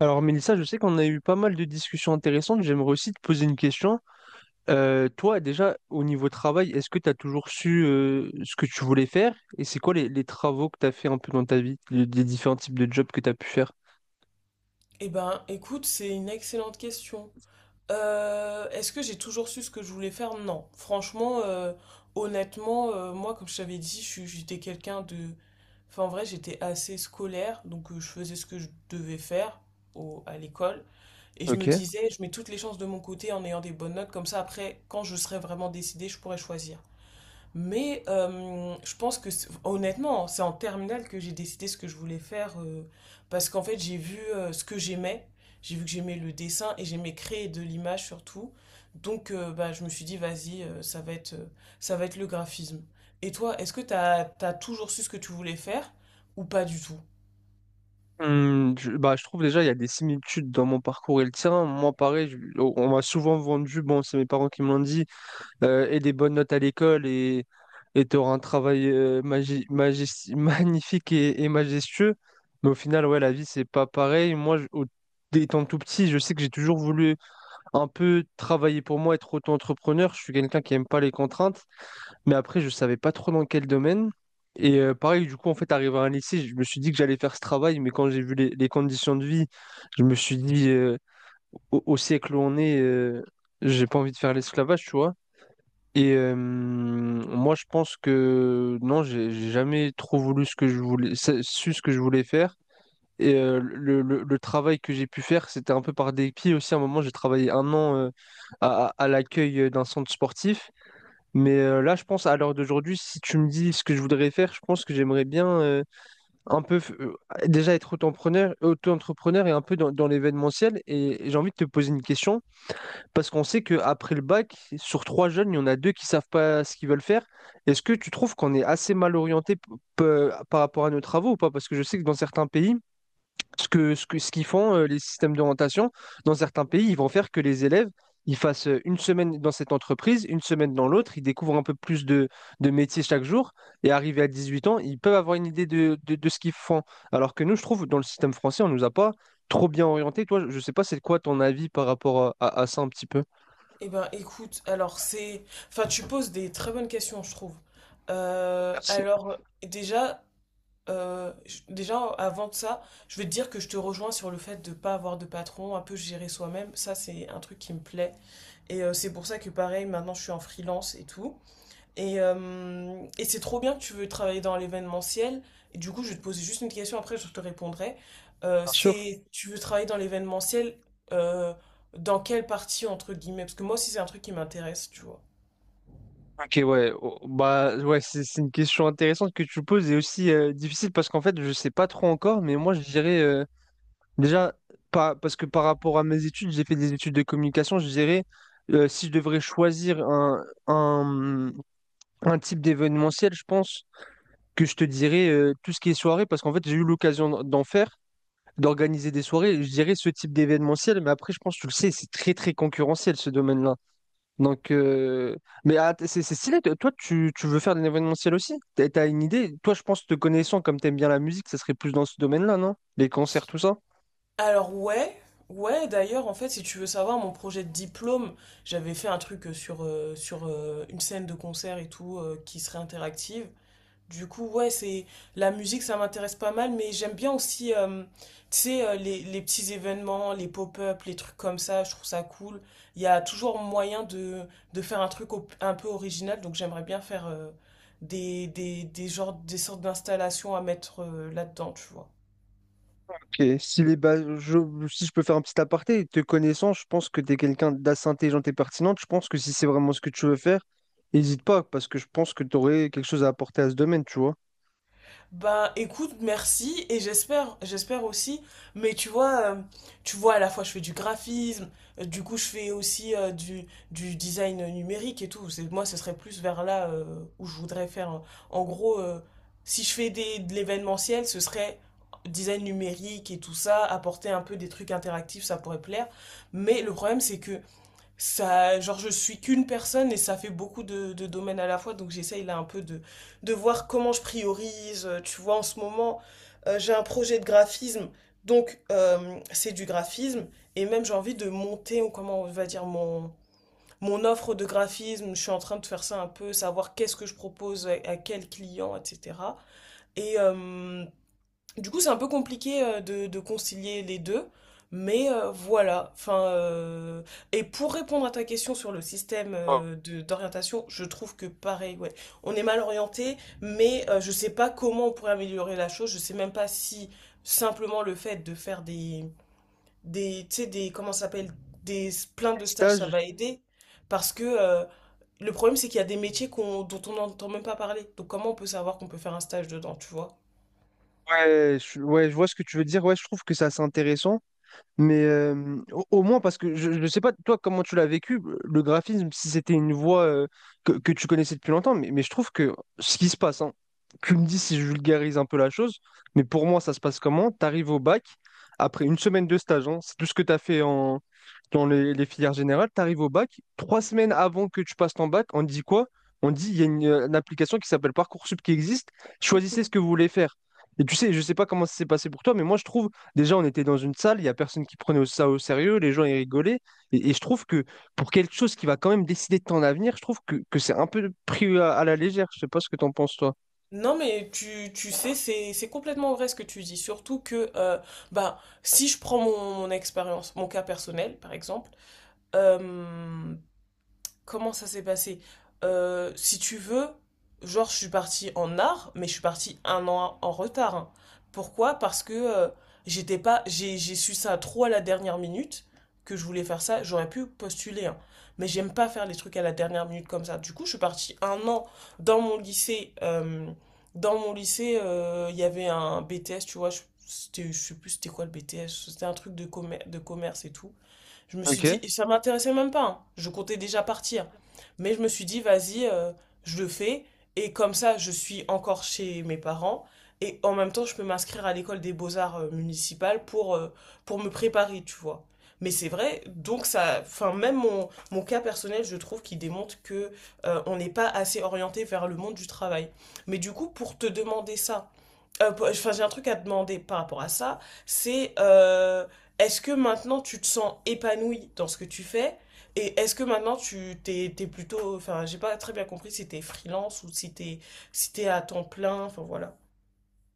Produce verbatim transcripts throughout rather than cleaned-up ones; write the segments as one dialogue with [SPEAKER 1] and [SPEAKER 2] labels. [SPEAKER 1] Alors Mélissa, je sais qu'on a eu pas mal de discussions intéressantes. J'aimerais aussi te poser une question. Euh, toi, déjà, au niveau travail, est-ce que tu as toujours su euh, ce que tu voulais faire? Et c'est quoi les, les travaux que tu as fait un peu dans ta vie, les, les différents types de jobs que tu as pu faire?
[SPEAKER 2] Eh ben, écoute, c'est une excellente question. Euh, est-ce que j'ai toujours su ce que je voulais faire? Non. Franchement, euh, honnêtement, euh, moi, comme je t'avais dit, je suis- j'étais quelqu'un de... Enfin, en vrai, j'étais assez scolaire, donc euh, je faisais ce que je devais faire au- à l'école. Et je
[SPEAKER 1] Ok.
[SPEAKER 2] me disais, je mets toutes les chances de mon côté en ayant des bonnes notes, comme ça, après, quand je serai vraiment décidée, je pourrai choisir. Mais euh, je pense que c'est- honnêtement, c'est en terminale que j'ai décidé ce que je voulais faire euh, parce qu'en fait, j'ai vu euh, ce que j'aimais. J'ai vu que j'aimais le dessin et j'aimais créer de l'image surtout. Donc euh, bah, je me suis dit, vas-y, euh, ça va être, euh, ça va être le graphisme. Et toi, est-ce que t'as, t'as toujours su ce que tu voulais faire ou pas du tout?
[SPEAKER 1] Hum, je, bah, je trouve déjà il y a des similitudes dans mon parcours et le tien. Moi, pareil, je- on on m'a souvent vendu, bon, c'est mes parents qui me l'ont dit, euh, et des bonnes notes à l'école et et tu auras un travail euh, magi- magis- magnifique et, et majestueux. Mais au final, ouais, la vie, c'est pas pareil. Moi, je- au- étant tout petit, je sais que j'ai toujours voulu un peu travailler pour moi, être auto-entrepreneur. Je suis quelqu'un qui aime pas les contraintes. Mais après, je savais pas trop dans quel domaine. Et euh, pareil, du coup, en fait, arrivé à un lycée, je me suis dit que j'allais faire ce travail. Mais quand j'ai vu les, les conditions de vie, je me suis dit, euh, au, au siècle où on est, euh, j'ai pas envie de faire l'esclavage, tu vois. Et euh, moi, je pense que non, j'ai j'ai jamais trop voulu ce que je voulais, sa- su ce que je voulais faire. Et euh, le, le- le travail que j'ai pu faire, c'était un peu par dépit aussi. À un moment, j'ai travaillé un an euh, à, à- à l'accueil d'un centre sportif. Mais euh, là, je pense à l'heure d'aujourd'hui, si tu me dis ce que je voudrais faire, je pense que j'aimerais bien euh, un peu f- euh, déjà être auto-entrepreneur, auto-entrepreneur et un peu dans, dans l'événementiel. Et, et j'ai envie de te poser une question. Parce qu'on sait qu'après le bac, sur trois jeunes, il y en a deux qui savent pas ce qu'ils veulent faire. Est-ce que tu trouves qu'on est assez mal orienté p- p- par rapport à nos travaux ou pas? Parce que je sais que dans certains pays, ce que, ce que, ce qu'ils font, euh, les systèmes d'orientation, dans certains pays, ils vont faire que les élèves, ils fassent euh, une semaine dans cette entreprise, une semaine dans l'autre, ils découvrent un peu plus de, de métiers chaque jour, et arrivés à dix-huit ans, ils peuvent avoir une idée de, de, de ce qu'ils font. Alors que nous, je trouve, dans le système français, on nous a pas trop bien orienté. Toi, je sais pas, c'est quoi ton avis par rapport à, à- à ça un petit peu?
[SPEAKER 2] Eh ben écoute, alors c'est... Enfin, tu poses des très bonnes questions, je trouve. Euh,
[SPEAKER 1] Merci.
[SPEAKER 2] alors déjà, euh, je- déjà, avant de ça, je vais te dire que je te rejoins sur le fait de ne pas avoir de patron, un peu gérer soi-même. Ça, c'est un truc qui me plaît. Et euh, c'est pour ça que, pareil, maintenant, je suis en freelance et tout. Et, euh, et c'est trop bien que tu veux travailler dans l'événementiel. Et du coup, je vais te poser juste une question, après, je te répondrai. Euh,
[SPEAKER 1] Bien sûr.
[SPEAKER 2] c'est, tu veux travailler dans l'événementiel, euh, dans quelle partie, entre guillemets? Parce que moi aussi, c'est un truc qui m'intéresse, tu vois.
[SPEAKER 1] Ok, ouais. Oh, bah, ouais, c'est c'est une question intéressante que tu poses et aussi euh, difficile parce qu'en fait, je sais pas trop encore, mais moi, je dirais euh, déjà, pas, parce que par rapport à mes études, j'ai fait des études de communication, je dirais, euh, si je devrais choisir un, un, un type d'événementiel, je pense que je te dirais euh, tout ce qui est soirée parce qu'en fait, j'ai eu l'occasion d'en d'en faire, d'organiser des soirées, je dirais ce type d'événementiel, mais après, je pense, tu le sais, c'est très, très concurrentiel ce domaine-là. Donc, euh, mais ah, c'est c'est stylé. Toi, toi, tu, tu veux faire de l'événementiel aussi? T'as t'as une idée? Toi, je pense te connaissant, comme t'aimes bien la musique, ça serait plus dans ce domaine-là, non? Les concerts, tout ça?
[SPEAKER 2] Alors ouais, ouais d'ailleurs en fait si tu veux savoir mon projet de diplôme, j'avais fait un truc euh, sur, euh, sur euh, une scène de concert et tout euh, qui serait interactive. Du coup, ouais, c'est la musique, ça m'intéresse pas mal, mais j'aime bien aussi euh, tu sais euh, les, les petits événements, les pop-up, les trucs comme ça, je trouve ça cool. Il y a toujours moyen de, de faire un truc op- un peu original, donc j'aimerais bien faire euh, des, des, des genres, des sortes d'installations à mettre euh, là-dedans, tu vois.
[SPEAKER 1] Ok. Si, les ba- je, si je peux faire un petit aparté, te connaissant, je pense que t'es quelqu'un d'assez intelligent et pertinente. Je pense que si c'est vraiment ce que tu veux faire, n'hésite pas, parce que je pense que t'aurais quelque chose à apporter à ce domaine, tu vois.
[SPEAKER 2] Ben écoute, merci et j'espère, j'espère aussi. Mais tu vois, euh, tu vois, à la fois je fais du graphisme, euh, du coup je fais aussi euh, du, du design numérique et tout. C'est, moi, ce serait plus vers là euh, où je voudrais faire. euh, En gros, euh, si je fais des, de l'événementiel, ce serait design numérique et tout ça, apporter un peu des trucs interactifs, ça pourrait plaire. Mais le problème, c'est que ça, genre, je suis qu'une personne et ça fait beaucoup de, de domaines à la fois, donc j'essaye là un peu de, de voir comment je priorise. Euh, Tu vois, en ce moment, euh, j'ai un projet de graphisme, donc euh, c'est du graphisme, et même j'ai envie de monter, ou comment on va dire, mon, mon offre de graphisme. Je suis en train de faire ça un peu, savoir qu'est-ce que je propose à, à quel client, et cetera. Et, euh, du coup, c'est un peu compliqué euh, de, de concilier les deux, mais euh, voilà. Enfin, euh, et pour répondre à ta question sur le système euh, de- d'orientation, je trouve que pareil, ouais, on est mal orienté, mais euh, je sais pas comment on pourrait améliorer la chose. Je sais même pas si simplement le fait de faire des, des, tu sais, des, comment ça s'appelle, des plein de stages, ça
[SPEAKER 1] Stage?
[SPEAKER 2] va aider, parce que euh, le problème, c'est qu'il y a des métiers qu'on, dont on n'entend même pas parler. Donc comment on peut savoir qu'on peut faire un stage dedans, tu vois?
[SPEAKER 1] Ouais, je, ouais, je vois ce que tu veux dire. Ouais, je trouve que c'est assez intéressant. Mais euh, au, au moins, parce que je ne sais pas, toi, comment tu l'as vécu, le graphisme, si c'était une voie euh, que, que tu connaissais depuis longtemps, mais, mais je trouve que ce qui se passe, hein, tu me dis si je vulgarise un peu la chose, mais pour moi, ça se passe comment? Tu arrives au bac, après une semaine de stage, hein, c'est tout ce que tu as fait en, dans les, les filières générales, tu arrives au bac, trois semaines avant que tu passes ton bac, on te dit quoi? On te dit, il y a une, euh, une application qui s'appelle Parcoursup qui existe, choisissez ce que vous voulez faire. Et tu sais, je sais pas comment ça s'est passé pour toi, mais moi, je trouve déjà, on était dans une salle, il n'y a personne qui prenait ça au sérieux, les gens ils rigolaient. Et, et je trouve que pour quelque chose qui va quand même décider de ton avenir, je trouve que, que c'est un peu pris à, à la légère. Je sais pas ce que t'en penses, toi.
[SPEAKER 2] Non mais tu, tu sais, c'est, c'est complètement vrai ce que tu dis. Surtout que euh, bah, si je prends mon, mon expérience, mon cas personnel par exemple, euh, comment ça s'est passé? Euh, si tu veux, genre, je suis partie en art, mais je suis partie un an en retard, hein. Pourquoi? Parce que euh, j'étais pas, j'ai, j'ai su ça trop à la dernière minute que je voulais faire ça. J'aurais pu postuler, hein. Mais j'aime pas faire les trucs à la dernière minute comme ça. Du coup, je suis partie un an dans mon lycée. Euh, dans mon lycée, euh, il y avait un B T S, tu vois. je- C'était, je sais plus c'était quoi le B T S. C'était un truc de commer- de commerce et tout. Je me suis
[SPEAKER 1] Ok.
[SPEAKER 2] dit, et ça m'intéressait même pas, hein. Je comptais déjà partir. Mais je me suis dit, vas-y, euh, je le fais. Et comme ça, je suis encore chez mes parents. Et en même temps, je peux m'inscrire à l'école des beaux-arts euh, municipales pour, euh, pour me préparer, tu vois. Mais c'est vrai, donc ça, enfin, même mon, mon cas personnel, je trouve qu'il démontre que euh, on n'est pas assez orienté vers le monde du travail. Mais du coup, pour te demander ça, euh, pour- enfin, j'ai un truc à te demander par rapport à ça. C'est euh, Est-ce que maintenant tu te sens épanoui dans ce que tu fais? Et est-ce que maintenant tu t'es, t'es plutôt. Enfin, j'ai pas très bien compris si t'es freelance ou si t'es, si t'es à temps plein. Enfin, voilà.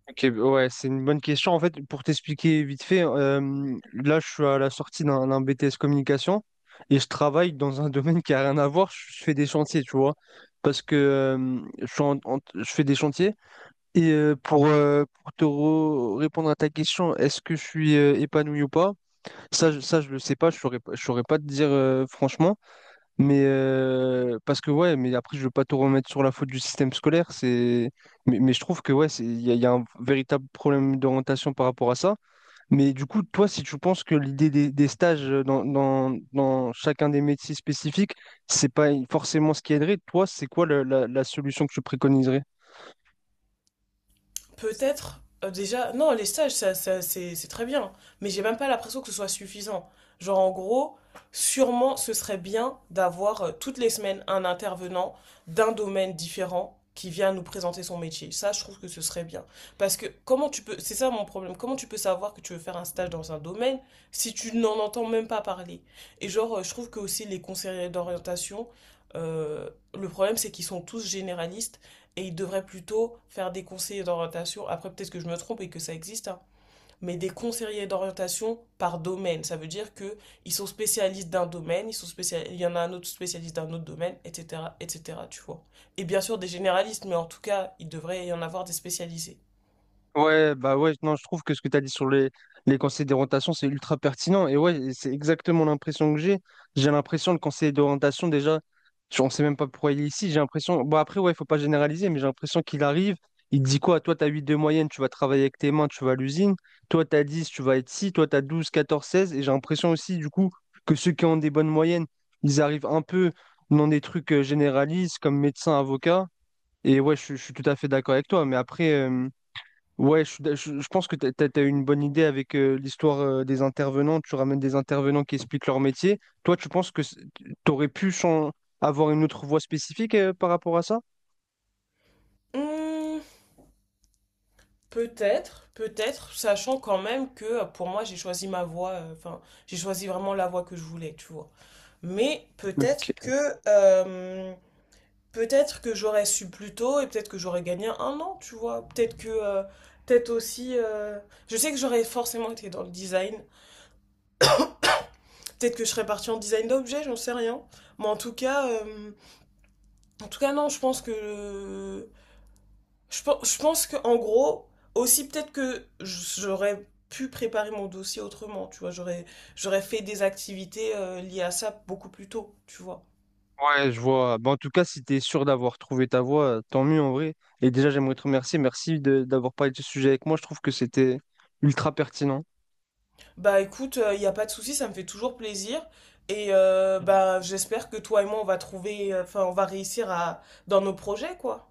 [SPEAKER 1] Ok, ouais, c'est une bonne question. En fait, pour t'expliquer vite fait, euh, là, je suis à la sortie d'un d'un B T S communication et je travaille dans un domaine qui a rien à voir. Je fais des chantiers, tu vois, parce que euh, je, suis en- en- je fais des chantiers. Et euh, pour, euh, pour te re- répondre à ta question, est-ce que je suis euh, épanoui ou pas? Ça, je- ça, je le sais pas, je saurais, pas- je saurais pas te dire euh, franchement, mais euh, parce que ouais, mais après, je veux pas tout remettre sur la faute du système scolaire, c'est, mais, mais je trouve que ouais, c'est, il y, a il y a un véritable problème d'orientation par rapport à ça. Mais du coup, toi, si tu penses que l'idée des, des stages euh, dans, dans, dans chacun des métiers spécifiques, c'est pas forcément ce qui aiderait, toi, c'est quoi le- la, la solution que tu préconiserais?
[SPEAKER 2] Peut-être, euh, déjà, non, les stages, ça, ça, c'est c'est très bien, mais j'ai même pas l'impression que ce soit suffisant. Genre, en gros, sûrement, ce serait bien d'avoir euh, toutes les semaines un intervenant d'un domaine différent qui vient nous présenter son métier. Ça, je trouve que ce serait bien. Parce que comment tu peux, c'est ça mon problème, comment tu peux savoir que tu veux faire un stage dans un domaine si tu n'en entends même pas parler? Et genre, euh, je trouve que aussi les conseillers d'orientation, euh, le problème, c'est qu'ils sont tous généralistes et ils devraient plutôt faire des conseillers d'orientation. Après, peut-être que je me trompe et que ça existe, hein, mais des conseillers d'orientation par domaine. Ça veut dire que ils sont spécialistes d'un domaine, ils sont spécial... il y en a un autre spécialiste d'un autre domaine, et cetera, et cetera. Tu vois. Et bien sûr des généralistes, mais en tout cas, il devrait y en avoir des spécialisés.
[SPEAKER 1] Ouais, bah ouais, non, je trouve que ce que tu as dit sur les, les conseils d'orientation, c'est ultra pertinent. Et ouais, et c'est exactement l'impression que j'ai. J'ai l'impression, le conseiller d'orientation, déjà, je- on ne sait même pas pourquoi il est ici. J'ai l'impression, bon, après, ouais, il faut pas généraliser, mais j'ai l'impression qu'il arrive, il te dit quoi? Toi, tu as huit de moyenne, tu vas travailler avec tes mains, tu vas à l'usine. Toi, tu as dix, tu vas être ci. Toi, tu as douze, quatorze, seize. Et j'ai l'impression aussi, du coup, que ceux qui ont des bonnes moyennes, ils arrivent un peu dans des trucs euh, généralistes comme médecin, avocat. Et ouais, je, je suis tout à fait d'accord avec toi. Mais après, euh, ouais, je, suis d'a- je- je pense que tu as une bonne idée avec euh, l'histoire euh, des intervenants. Tu ramènes des intervenants qui expliquent leur métier. Toi, tu penses que tu aurais pu chan- avoir une autre voie spécifique euh, par rapport à ça?
[SPEAKER 2] Hmm, peut-être, peut-être, sachant quand même que euh, pour moi, j'ai choisi ma voie. Enfin, euh, enfin, j'ai choisi vraiment la voie que je voulais, tu vois. Mais peut-être
[SPEAKER 1] Ok.
[SPEAKER 2] que euh, peut-être que j'aurais su plus tôt et peut-être que j'aurais gagné un an, tu vois. Peut-être que, euh, peut-être aussi, euh, je sais que j'aurais forcément été dans le design. Peut-être que je serais partie en design d'objets, j'en sais rien. Mais en tout cas, euh, en tout cas, non, je pense que, je, pe- je pense que, en gros, aussi peut-être que j'aurais pu préparer mon dossier autrement, tu vois. J'aurais, j'aurais fait des activités euh, liées à ça beaucoup plus tôt, tu vois.
[SPEAKER 1] Ouais, je vois. Bah, en tout cas, si tu es sûr d'avoir trouvé ta voie, tant mieux en vrai. Et déjà, j'aimerais te remercier. Merci de- d'avoir parlé de ce sujet avec moi. Je trouve que c'était ultra pertinent.
[SPEAKER 2] Bah écoute, il n'y a pas de souci, ça me fait toujours plaisir. Et euh, bah j'espère que toi et moi, on va trouver, euh, enfin, on va réussir à, dans nos projets, quoi.